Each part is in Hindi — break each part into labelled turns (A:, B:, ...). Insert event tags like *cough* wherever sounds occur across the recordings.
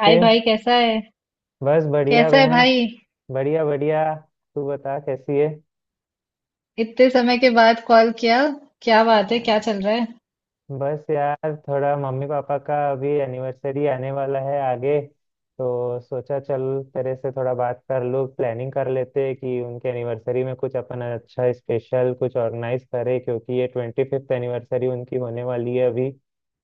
A: हाय भाई, कैसा है।
B: बस बढ़िया
A: कैसा है
B: बहन।
A: भाई।
B: बढ़िया बढ़िया। तू बता कैसी है।
A: इतने समय के बाद कॉल किया। क्या
B: आ,
A: बात है? क्या चल रहा है?
B: बस यार थोड़ा मम्मी पापा का अभी एनिवर्सरी आने वाला है आगे, तो सोचा चल तेरे से थोड़ा बात कर लूँ। प्लानिंग कर लेते हैं कि उनके एनिवर्सरी में कुछ अपन अच्छा स्पेशल कुछ ऑर्गेनाइज करें, क्योंकि ये 25th एनिवर्सरी उनकी होने वाली है अभी।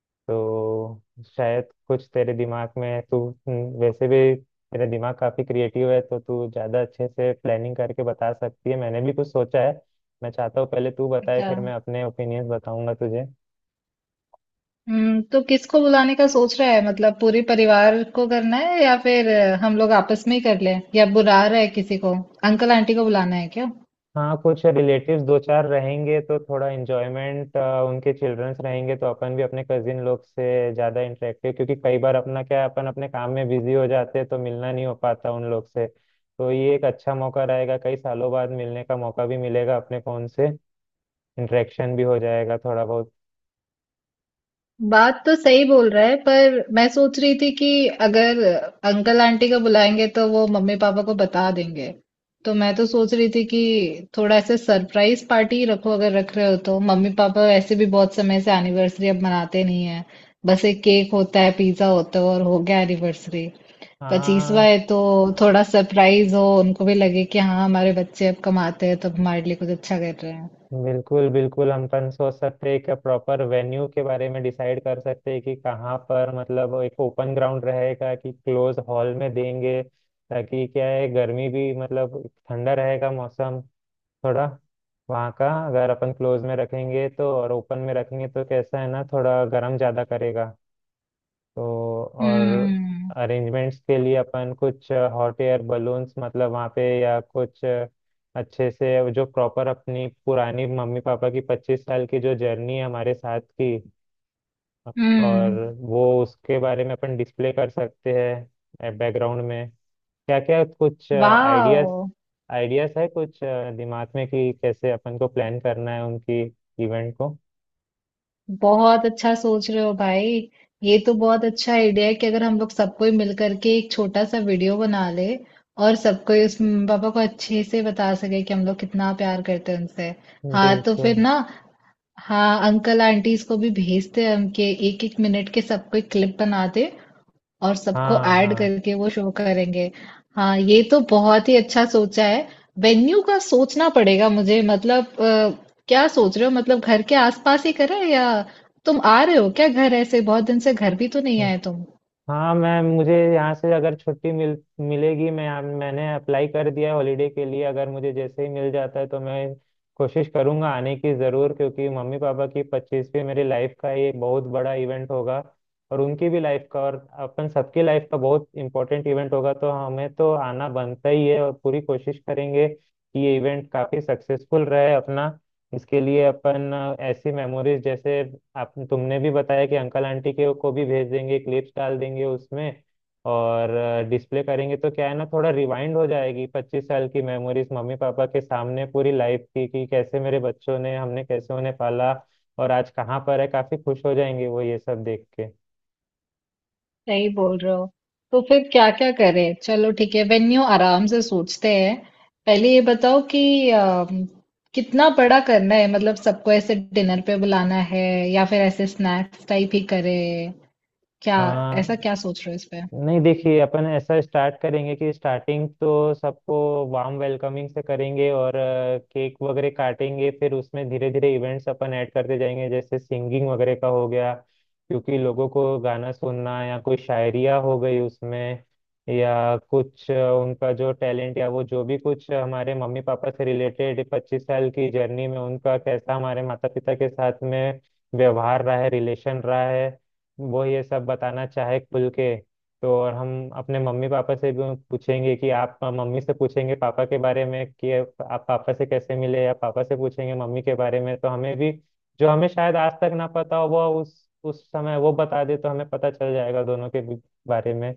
B: तो शायद कुछ तेरे दिमाग में है तू, वैसे भी तेरा दिमाग काफी क्रिएटिव है, तो तू ज्यादा अच्छे से प्लानिंग करके बता सकती है। मैंने भी कुछ सोचा है। मैं चाहता हूँ पहले तू बताए,
A: अच्छा।
B: फिर मैं अपने ओपिनियंस बताऊंगा तुझे।
A: हम्म, तो किसको बुलाने का सोच रहा है? मतलब पूरे परिवार को करना है या फिर हम लोग आपस में ही कर लें, या बुला रहा है किसी को? अंकल आंटी को बुलाना है क्या?
B: हाँ, कुछ रिलेटिव्स दो चार रहेंगे तो थोड़ा इंजॉयमेंट, उनके चिल्ड्रंस रहेंगे तो अपन भी अपने कजिन लोग से ज़्यादा इंटरेक्टिव, क्योंकि कई बार अपना क्या है अपन अपने काम में बिजी हो जाते हैं, तो मिलना नहीं हो पाता उन लोग से। तो ये एक अच्छा मौका रहेगा, कई सालों बाद मिलने का मौका भी मिलेगा अपने फ़ोन से। इंटरेक्शन भी हो जाएगा थोड़ा बहुत।
A: बात तो सही बोल रहा है, पर मैं सोच रही थी कि अगर अंकल आंटी को बुलाएंगे तो वो मम्मी पापा को बता देंगे। तो मैं तो सोच रही थी कि थोड़ा ऐसे सरप्राइज पार्टी रखो। अगर रख रहे हो तो मम्मी पापा वैसे भी बहुत समय से एनिवर्सरी अब मनाते नहीं है। बस एक केक होता है, पिज्जा होता है, और हो गया एनिवर्सरी। पच्चीसवा
B: हाँ,
A: है तो थोड़ा सरप्राइज हो, उनको भी लगे कि हाँ, हमारे बच्चे अब कमाते हैं तो अब हमारे लिए कुछ अच्छा कर रहे हैं।
B: बिल्कुल बिल्कुल हम अपन सोच सकते हैं कि प्रॉपर वेन्यू के बारे में डिसाइड कर सकते हैं कि कहाँ पर, मतलब एक ओपन ग्राउंड रहेगा कि क्लोज हॉल में देंगे, ताकि क्या है गर्मी भी मतलब ठंडा रहेगा मौसम थोड़ा वहाँ का। अगर अपन क्लोज में रखेंगे तो और ओपन में रखेंगे तो कैसा है ना, थोड़ा गर्म ज़्यादा करेगा। तो और
A: हम्म।
B: अरेंजमेंट्स के लिए अपन कुछ हॉट एयर बलून्स मतलब वहाँ पे या कुछ अच्छे से जो प्रॉपर अपनी पुरानी मम्मी पापा की 25 साल की जो जर्नी है हमारे साथ की, और
A: हम्म।
B: वो उसके बारे में अपन डिस्प्ले कर सकते हैं बैकग्राउंड में। क्या क्या कुछ आइडियाज
A: वाह,
B: आइडियाज है कुछ दिमाग में कि कैसे अपन को प्लान करना है उनकी इवेंट को।
A: बहुत अच्छा सोच रहे हो भाई। ये तो बहुत अच्छा आइडिया है कि अगर हम लोग सब कोई मिल करके एक छोटा सा वीडियो बना ले और सबको ही, उस मम्मी पापा को अच्छे से बता सके कि हम लोग कितना प्यार करते हैं उनसे। हाँ तो
B: बिल्कुल।
A: फिर ना। हाँ, अंकल आंटीज को भी भेजते हैं हम, के एक एक मिनट के सबको एक क्लिप बना दे और सबको
B: हाँ
A: ऐड
B: हाँ।
A: करके वो शो करेंगे। हाँ, ये तो बहुत ही अच्छा सोचा है। वेन्यू का सोचना पड़ेगा मुझे, मतलब क्या सोच रहे हो? मतलब घर के आसपास ही करें, या तुम आ रहे हो क्या घर? ऐसे बहुत दिन से घर भी तो नहीं आए तुम।
B: हाँ मैम, मुझे यहाँ से अगर छुट्टी मिलेगी, मैं मैंने अप्लाई कर दिया है हॉलीडे के लिए, अगर मुझे जैसे ही मिल जाता है तो मैं कोशिश करूँगा आने की ज़रूर, क्योंकि मम्मी पापा की 25वीं मेरी लाइफ का ये बहुत बड़ा इवेंट होगा, और उनकी भी लाइफ का और अपन सबकी लाइफ का बहुत इंपॉर्टेंट इवेंट होगा। तो हमें तो आना बनता ही है, और पूरी कोशिश करेंगे कि ये इवेंट काफ़ी सक्सेसफुल रहे अपना। इसके लिए अपन ऐसी मेमोरीज जैसे आप तुमने भी बताया कि अंकल आंटी के को भी भेज देंगे, क्लिप्स डाल देंगे उसमें, और डिस्प्ले करेंगे, तो क्या है ना थोड़ा रिवाइंड हो जाएगी 25 साल की मेमोरीज मम्मी पापा के सामने पूरी लाइफ की कि कैसे मेरे बच्चों ने हमने कैसे उन्हें पाला, और आज कहाँ पर है, काफी खुश हो जाएंगे वो ये सब देख के।
A: सही बोल रहे हो। तो फिर क्या क्या करें? चलो ठीक है, वेन्यू आराम से सोचते हैं। पहले ये बताओ कि कितना बड़ा करना है? मतलब सबको ऐसे डिनर पे बुलाना है या फिर ऐसे स्नैक्स टाइप ही करें क्या? ऐसा
B: हाँ,
A: क्या सोच रहे हो इस पे?
B: नहीं देखिए अपन ऐसा स्टार्ट करेंगे कि स्टार्टिंग तो सबको वार्म वेलकमिंग से करेंगे, और केक वगैरह काटेंगे, फिर उसमें धीरे धीरे इवेंट्स अपन ऐड करते जाएंगे जैसे सिंगिंग वगैरह का हो गया, क्योंकि लोगों को गाना सुनना, या कोई शायरिया हो गई उसमें, या कुछ उनका जो टैलेंट या वो जो भी कुछ हमारे मम्मी पापा से रिलेटेड 25 साल की जर्नी में, उनका कैसा हमारे माता पिता के साथ में व्यवहार रहा है रिलेशन रहा है, वो ये सब बताना चाहे खुल के। तो और हम अपने मम्मी पापा से भी पूछेंगे कि आप मम्मी से पूछेंगे पापा के बारे में कि आप पापा से कैसे मिले, या पापा से पूछेंगे मम्मी के बारे में, तो हमें भी जो हमें शायद आज तक ना पता हो वो उस समय वो बता दे, तो हमें पता चल जाएगा दोनों के बारे में।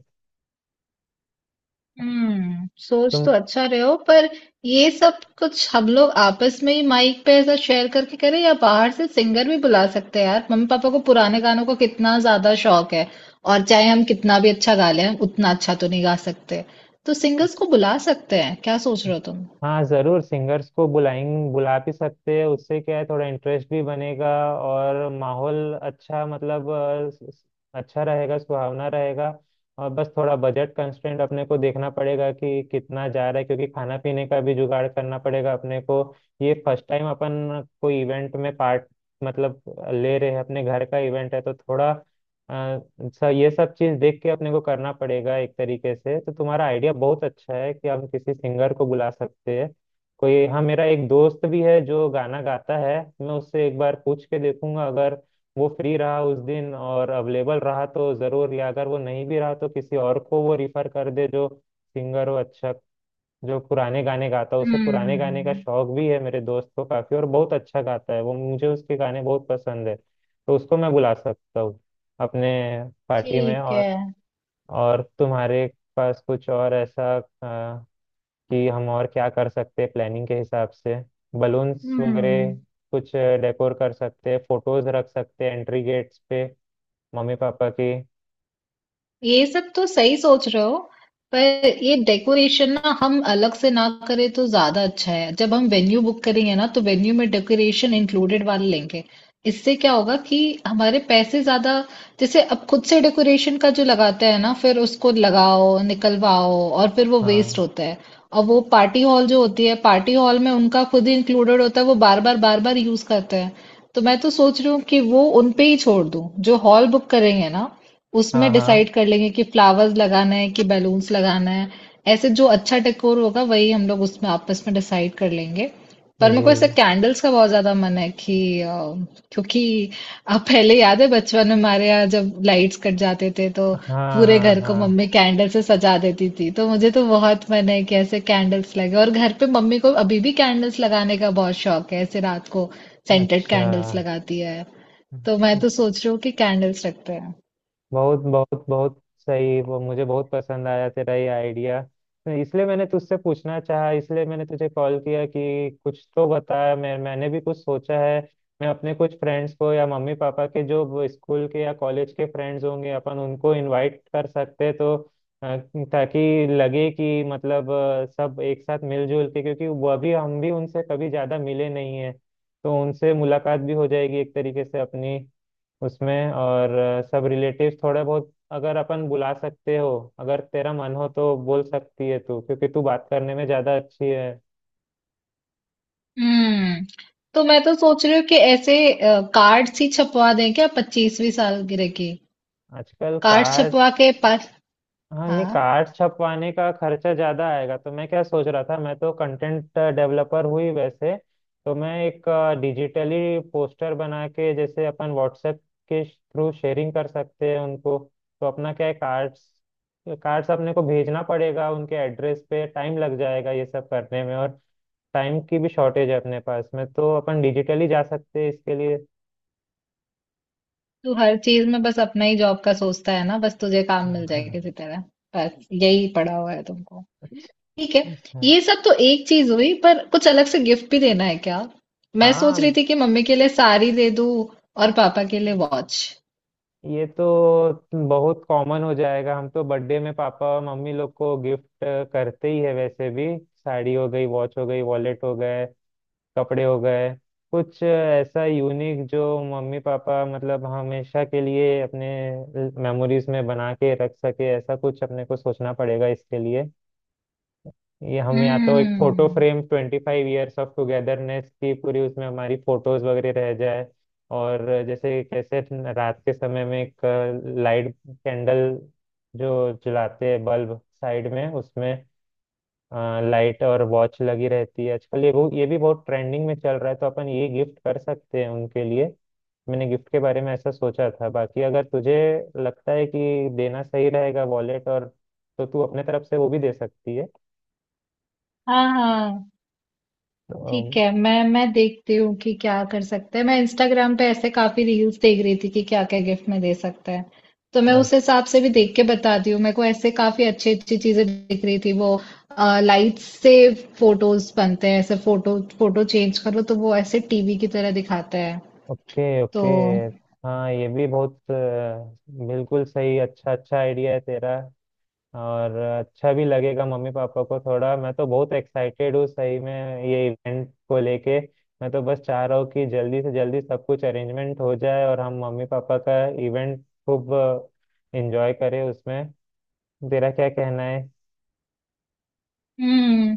A: हम्म, सोच तो
B: तुम।
A: अच्छा रहे हो पर ये सब कुछ हम लोग आपस में ही माइक पे ऐसा शेयर करके करें, या बाहर से सिंगर भी बुला सकते हैं? यार, मम्मी पापा को पुराने गानों का कितना ज्यादा शौक है। और चाहे हम कितना भी अच्छा गा लें, उतना अच्छा तो नहीं गा सकते। तो सिंगर्स को बुला सकते हैं? क्या सोच रहे हो तुम?
B: हाँ जरूर सिंगर्स को बुलाएं, बुला भी सकते हैं, उससे क्या है थोड़ा इंटरेस्ट भी बनेगा, और माहौल अच्छा मतलब अच्छा रहेगा सुहावना रहेगा। और बस थोड़ा बजट कंस्ट्रेंट अपने को देखना पड़ेगा कि कितना जा रहा है, क्योंकि खाना पीने का भी जुगाड़ करना पड़ेगा अपने को। ये फर्स्ट टाइम अपन कोई इवेंट में पार्ट मतलब ले रहे हैं, अपने घर का इवेंट है तो थोड़ा अच्छा ये सब चीज देख के अपने को करना पड़ेगा एक तरीके से। तो तुम्हारा आइडिया बहुत अच्छा है कि हम किसी सिंगर को बुला सकते हैं कोई। हाँ मेरा एक दोस्त भी है जो गाना गाता है, मैं उससे एक बार पूछ के देखूंगा, अगर वो फ्री रहा उस दिन और अवेलेबल रहा तो जरूर, या अगर वो नहीं भी रहा तो किसी और को वो रिफर कर दे जो सिंगर हो अच्छा, जो पुराने गाने गाता है, उसे पुराने गाने का
A: हम्म।
B: शौक भी है मेरे दोस्त को काफी, और बहुत अच्छा गाता है वो, मुझे उसके गाने बहुत पसंद है, तो उसको मैं बुला सकता हूँ अपने पार्टी में।
A: ठीक है।
B: और तुम्हारे पास कुछ और ऐसा अ, कि हम और क्या कर सकते हैं प्लानिंग के हिसाब से? बलून्स
A: हम्म।
B: वगैरह कुछ डेकोर कर सकते हैं, फोटोज रख सकते हैं एंट्री गेट्स पे मम्मी पापा की।
A: ये सब तो सही सोच रहे हो, पर ये डेकोरेशन ना हम अलग से ना करें तो ज्यादा अच्छा है। जब हम वेन्यू बुक करेंगे ना, तो वेन्यू में डेकोरेशन इंक्लूडेड वाले लेंगे। इससे क्या होगा कि हमारे पैसे ज्यादा, जैसे अब खुद से डेकोरेशन का जो लगाते हैं ना, फिर उसको लगाओ, निकलवाओ, और फिर वो वेस्ट
B: हाँ
A: होता है। और वो पार्टी हॉल जो होती है, पार्टी हॉल में उनका खुद ही इंक्लूडेड होता है, वो बार बार बार बार यूज करते हैं। तो मैं तो सोच रही हूँ कि वो उनपे ही छोड़ दूँ, जो हॉल बुक करेंगे ना
B: हाँ
A: उसमें डिसाइड
B: हाँ
A: कर लेंगे कि फ्लावर्स लगाना है कि बैलून्स लगाना है। ऐसे जो अच्छा डेकोर होगा वही हम लोग उसमें आपस में डिसाइड कर लेंगे। पर मेरे को
B: जी।
A: ऐसे कैंडल्स का बहुत ज्यादा मन है कि क्योंकि, आप पहले, याद है बचपन में हमारे यहाँ जब लाइट्स कट जाते थे तो
B: हाँ
A: पूरे
B: हाँ
A: घर को
B: हाँ।
A: मम्मी कैंडल से सजा देती थी। तो मुझे तो बहुत मन है कि ऐसे कैंडल्स लगे। और घर पे मम्मी को अभी भी कैंडल्स लगाने का बहुत शौक है, ऐसे रात को सेंटेड
B: अच्छा,
A: कैंडल्स लगाती है। तो मैं तो सोच रही हूँ कि कैंडल्स रखते हैं।
B: बहुत बहुत बहुत सही, वो मुझे बहुत पसंद आया तेरा ये आइडिया। तो इसलिए मैंने तुझसे पूछना चाहा, इसलिए मैंने तुझे कॉल किया कि कुछ तो बता, मैंने भी कुछ सोचा है। मैं अपने कुछ फ्रेंड्स को, या मम्मी पापा के जो स्कूल के या कॉलेज के फ्रेंड्स होंगे अपन उनको इनवाइट कर सकते हैं, तो अ, ताकि लगे कि मतलब सब एक साथ मिलजुल के, क्योंकि वह भी हम भी उनसे कभी ज़्यादा मिले नहीं है, तो उनसे मुलाकात भी हो जाएगी एक तरीके से अपनी उसमें, और सब रिलेटिव्स थोड़े बहुत अगर अपन बुला सकते हो, अगर तेरा मन हो तो बोल सकती है तू, क्योंकि तू बात करने में ज्यादा अच्छी है।
A: हम्म, तो मैं तो सोच रही हूँ कि ऐसे कार्ड्स ही छपवा दें क्या, पच्चीसवीं सालगिरह के?
B: आजकल
A: कार्ड
B: कार्ड्स,
A: छपवा के पास।
B: हाँ नहीं
A: हाँ।
B: कार्ड्स छपवाने का खर्चा ज्यादा आएगा, तो मैं क्या सोच रहा था, मैं तो कंटेंट डेवलपर हुई वैसे, तो मैं एक डिजिटली पोस्टर बना के जैसे अपन व्हाट्सएप के थ्रू शेयरिंग कर सकते हैं उनको। तो अपना क्या है, कार्ड्स कार्ड्स अपने को भेजना पड़ेगा उनके एड्रेस पे, टाइम लग जाएगा ये सब करने में, और टाइम की भी शॉर्टेज है अपने पास में, तो अपन डिजिटली जा सकते हैं इसके लिए।
A: तू हर चीज में बस अपना ही जॉब का सोचता है ना, बस तुझे काम मिल जाए
B: *laughs*
A: किसी तरह, बस यही पड़ा हुआ है तुमको। ठीक है,
B: अच्छा,
A: ये सब तो एक चीज हुई, पर कुछ अलग से गिफ्ट भी देना है क्या? मैं सोच रही
B: हाँ
A: थी कि मम्मी के लिए साड़ी दे दूँ और पापा के लिए वॉच।
B: ये तो बहुत कॉमन हो जाएगा, हम तो बर्थडे में पापा और मम्मी लोग को गिफ्ट करते ही है वैसे भी, साड़ी हो गई वॉच हो गई वॉलेट हो गए कपड़े हो गए। कुछ ऐसा यूनिक जो मम्मी पापा मतलब हमेशा के लिए अपने मेमोरीज में बना के रख सके, ऐसा कुछ अपने को सोचना पड़ेगा इसके लिए। ये हम या तो एक फोटो
A: हम्म।
B: फ्रेम 25 ईयर्स ऑफ टुगेदरनेस की, पूरी उसमें हमारी फोटोज वगैरह रह जाए। और जैसे कैसे रात के समय में एक लाइट कैंडल जो जलाते हैं बल्ब साइड में उसमें, लाइट और वॉच लगी रहती है आजकल, ये ये भी बहुत ट्रेंडिंग में चल रहा है, तो अपन ये गिफ्ट कर सकते हैं उनके लिए। मैंने गिफ्ट के बारे में ऐसा सोचा था, बाकी अगर तुझे लगता है कि देना सही रहेगा वॉलेट और, तो तू अपने तरफ से वो भी दे सकती है।
A: हाँ हाँ, ठीक
B: तो,
A: है, मैं देखती हूँ कि क्या कर सकते हैं। मैं इंस्टाग्राम पे ऐसे काफी रील्स देख रही थी कि क्या क्या गिफ्ट में दे सकते हैं। तो मैं उस हिसाब से भी देख के बताती हूँ। मेरे को ऐसे काफी अच्छी अच्छी चीजें दिख रही थी। वो लाइट्स से फोटोज बनते हैं, ऐसे फोटो फोटो चेंज करो तो वो ऐसे टीवी की तरह दिखाते हैं।
B: ओके
A: तो
B: ओके। हाँ ये भी बहुत बिल्कुल सही अच्छा अच्छा आइडिया है तेरा, और अच्छा भी लगेगा मम्मी पापा को थोड़ा। मैं तो बहुत एक्साइटेड हूँ सही में ये इवेंट को लेके। मैं तो बस चाह रहा हूँ कि जल्दी से जल्दी सब कुछ अरेंजमेंट हो जाए और हम मम्मी पापा का इवेंट खूब एंजॉय करें उसमें। तेरा क्या कहना है?
A: हम्म,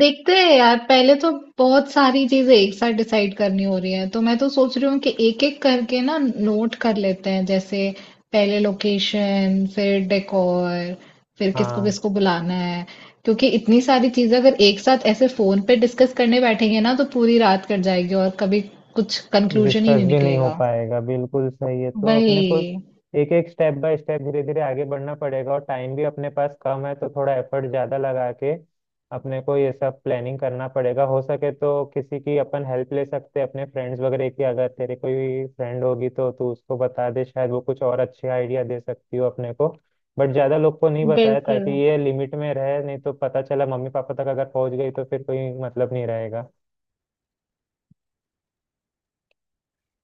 A: देखते हैं यार। पहले तो बहुत सारी चीजें एक साथ डिसाइड करनी हो रही है, तो मैं तो सोच रही हूँ कि एक एक करके ना नोट कर लेते हैं। जैसे पहले लोकेशन, फिर डेकोर, फिर किसको
B: हाँ,
A: किसको बुलाना है। क्योंकि इतनी सारी चीजें अगर एक साथ ऐसे फोन पे डिस्कस करने बैठेंगे ना तो पूरी रात कट जाएगी और कभी कुछ कंक्लूजन ही
B: डिस्कस
A: नहीं
B: भी नहीं हो
A: निकलेगा।
B: पाएगा, बिल्कुल सही है। तो
A: वही।
B: अपने को एक एक स्टेप बाय स्टेप धीरे धीरे आगे बढ़ना पड़ेगा, और टाइम भी अपने पास कम है, तो थोड़ा एफर्ट ज्यादा लगा के अपने को ये सब प्लानिंग करना पड़ेगा। हो सके तो किसी की अपन हेल्प ले सकते हैं अपने फ्रेंड्स वगैरह की, अगर तेरे कोई फ्रेंड होगी तो तू उसको बता दे, शायद वो कुछ और अच्छे आइडिया दे सकती हो अपने को। बट ज्यादा लोग को नहीं बताया
A: बिल्कुल।
B: ताकि ये लिमिट में रहे, नहीं तो पता चला मम्मी पापा तक अगर पहुंच गई तो फिर कोई मतलब नहीं रहेगा।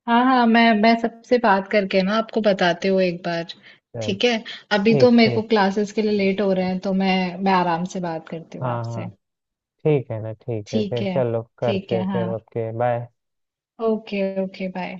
A: हाँ हाँ, मैं सबसे बात करके ना आपको बताते हुए एक बार।
B: चल,
A: ठीक है। अभी
B: ठीक
A: तो मेरे को
B: ठीक।
A: क्लासेस के लिए लेट हो रहे हैं, तो मैं आराम से बात करती हूँ
B: हाँ
A: आपसे।
B: हाँ। ठीक है ना, ठीक है
A: ठीक
B: फिर,
A: है।
B: चलो
A: ठीक
B: करते हैं
A: है
B: फिर,
A: हाँ।
B: Okay bye.
A: Okay, okay bye.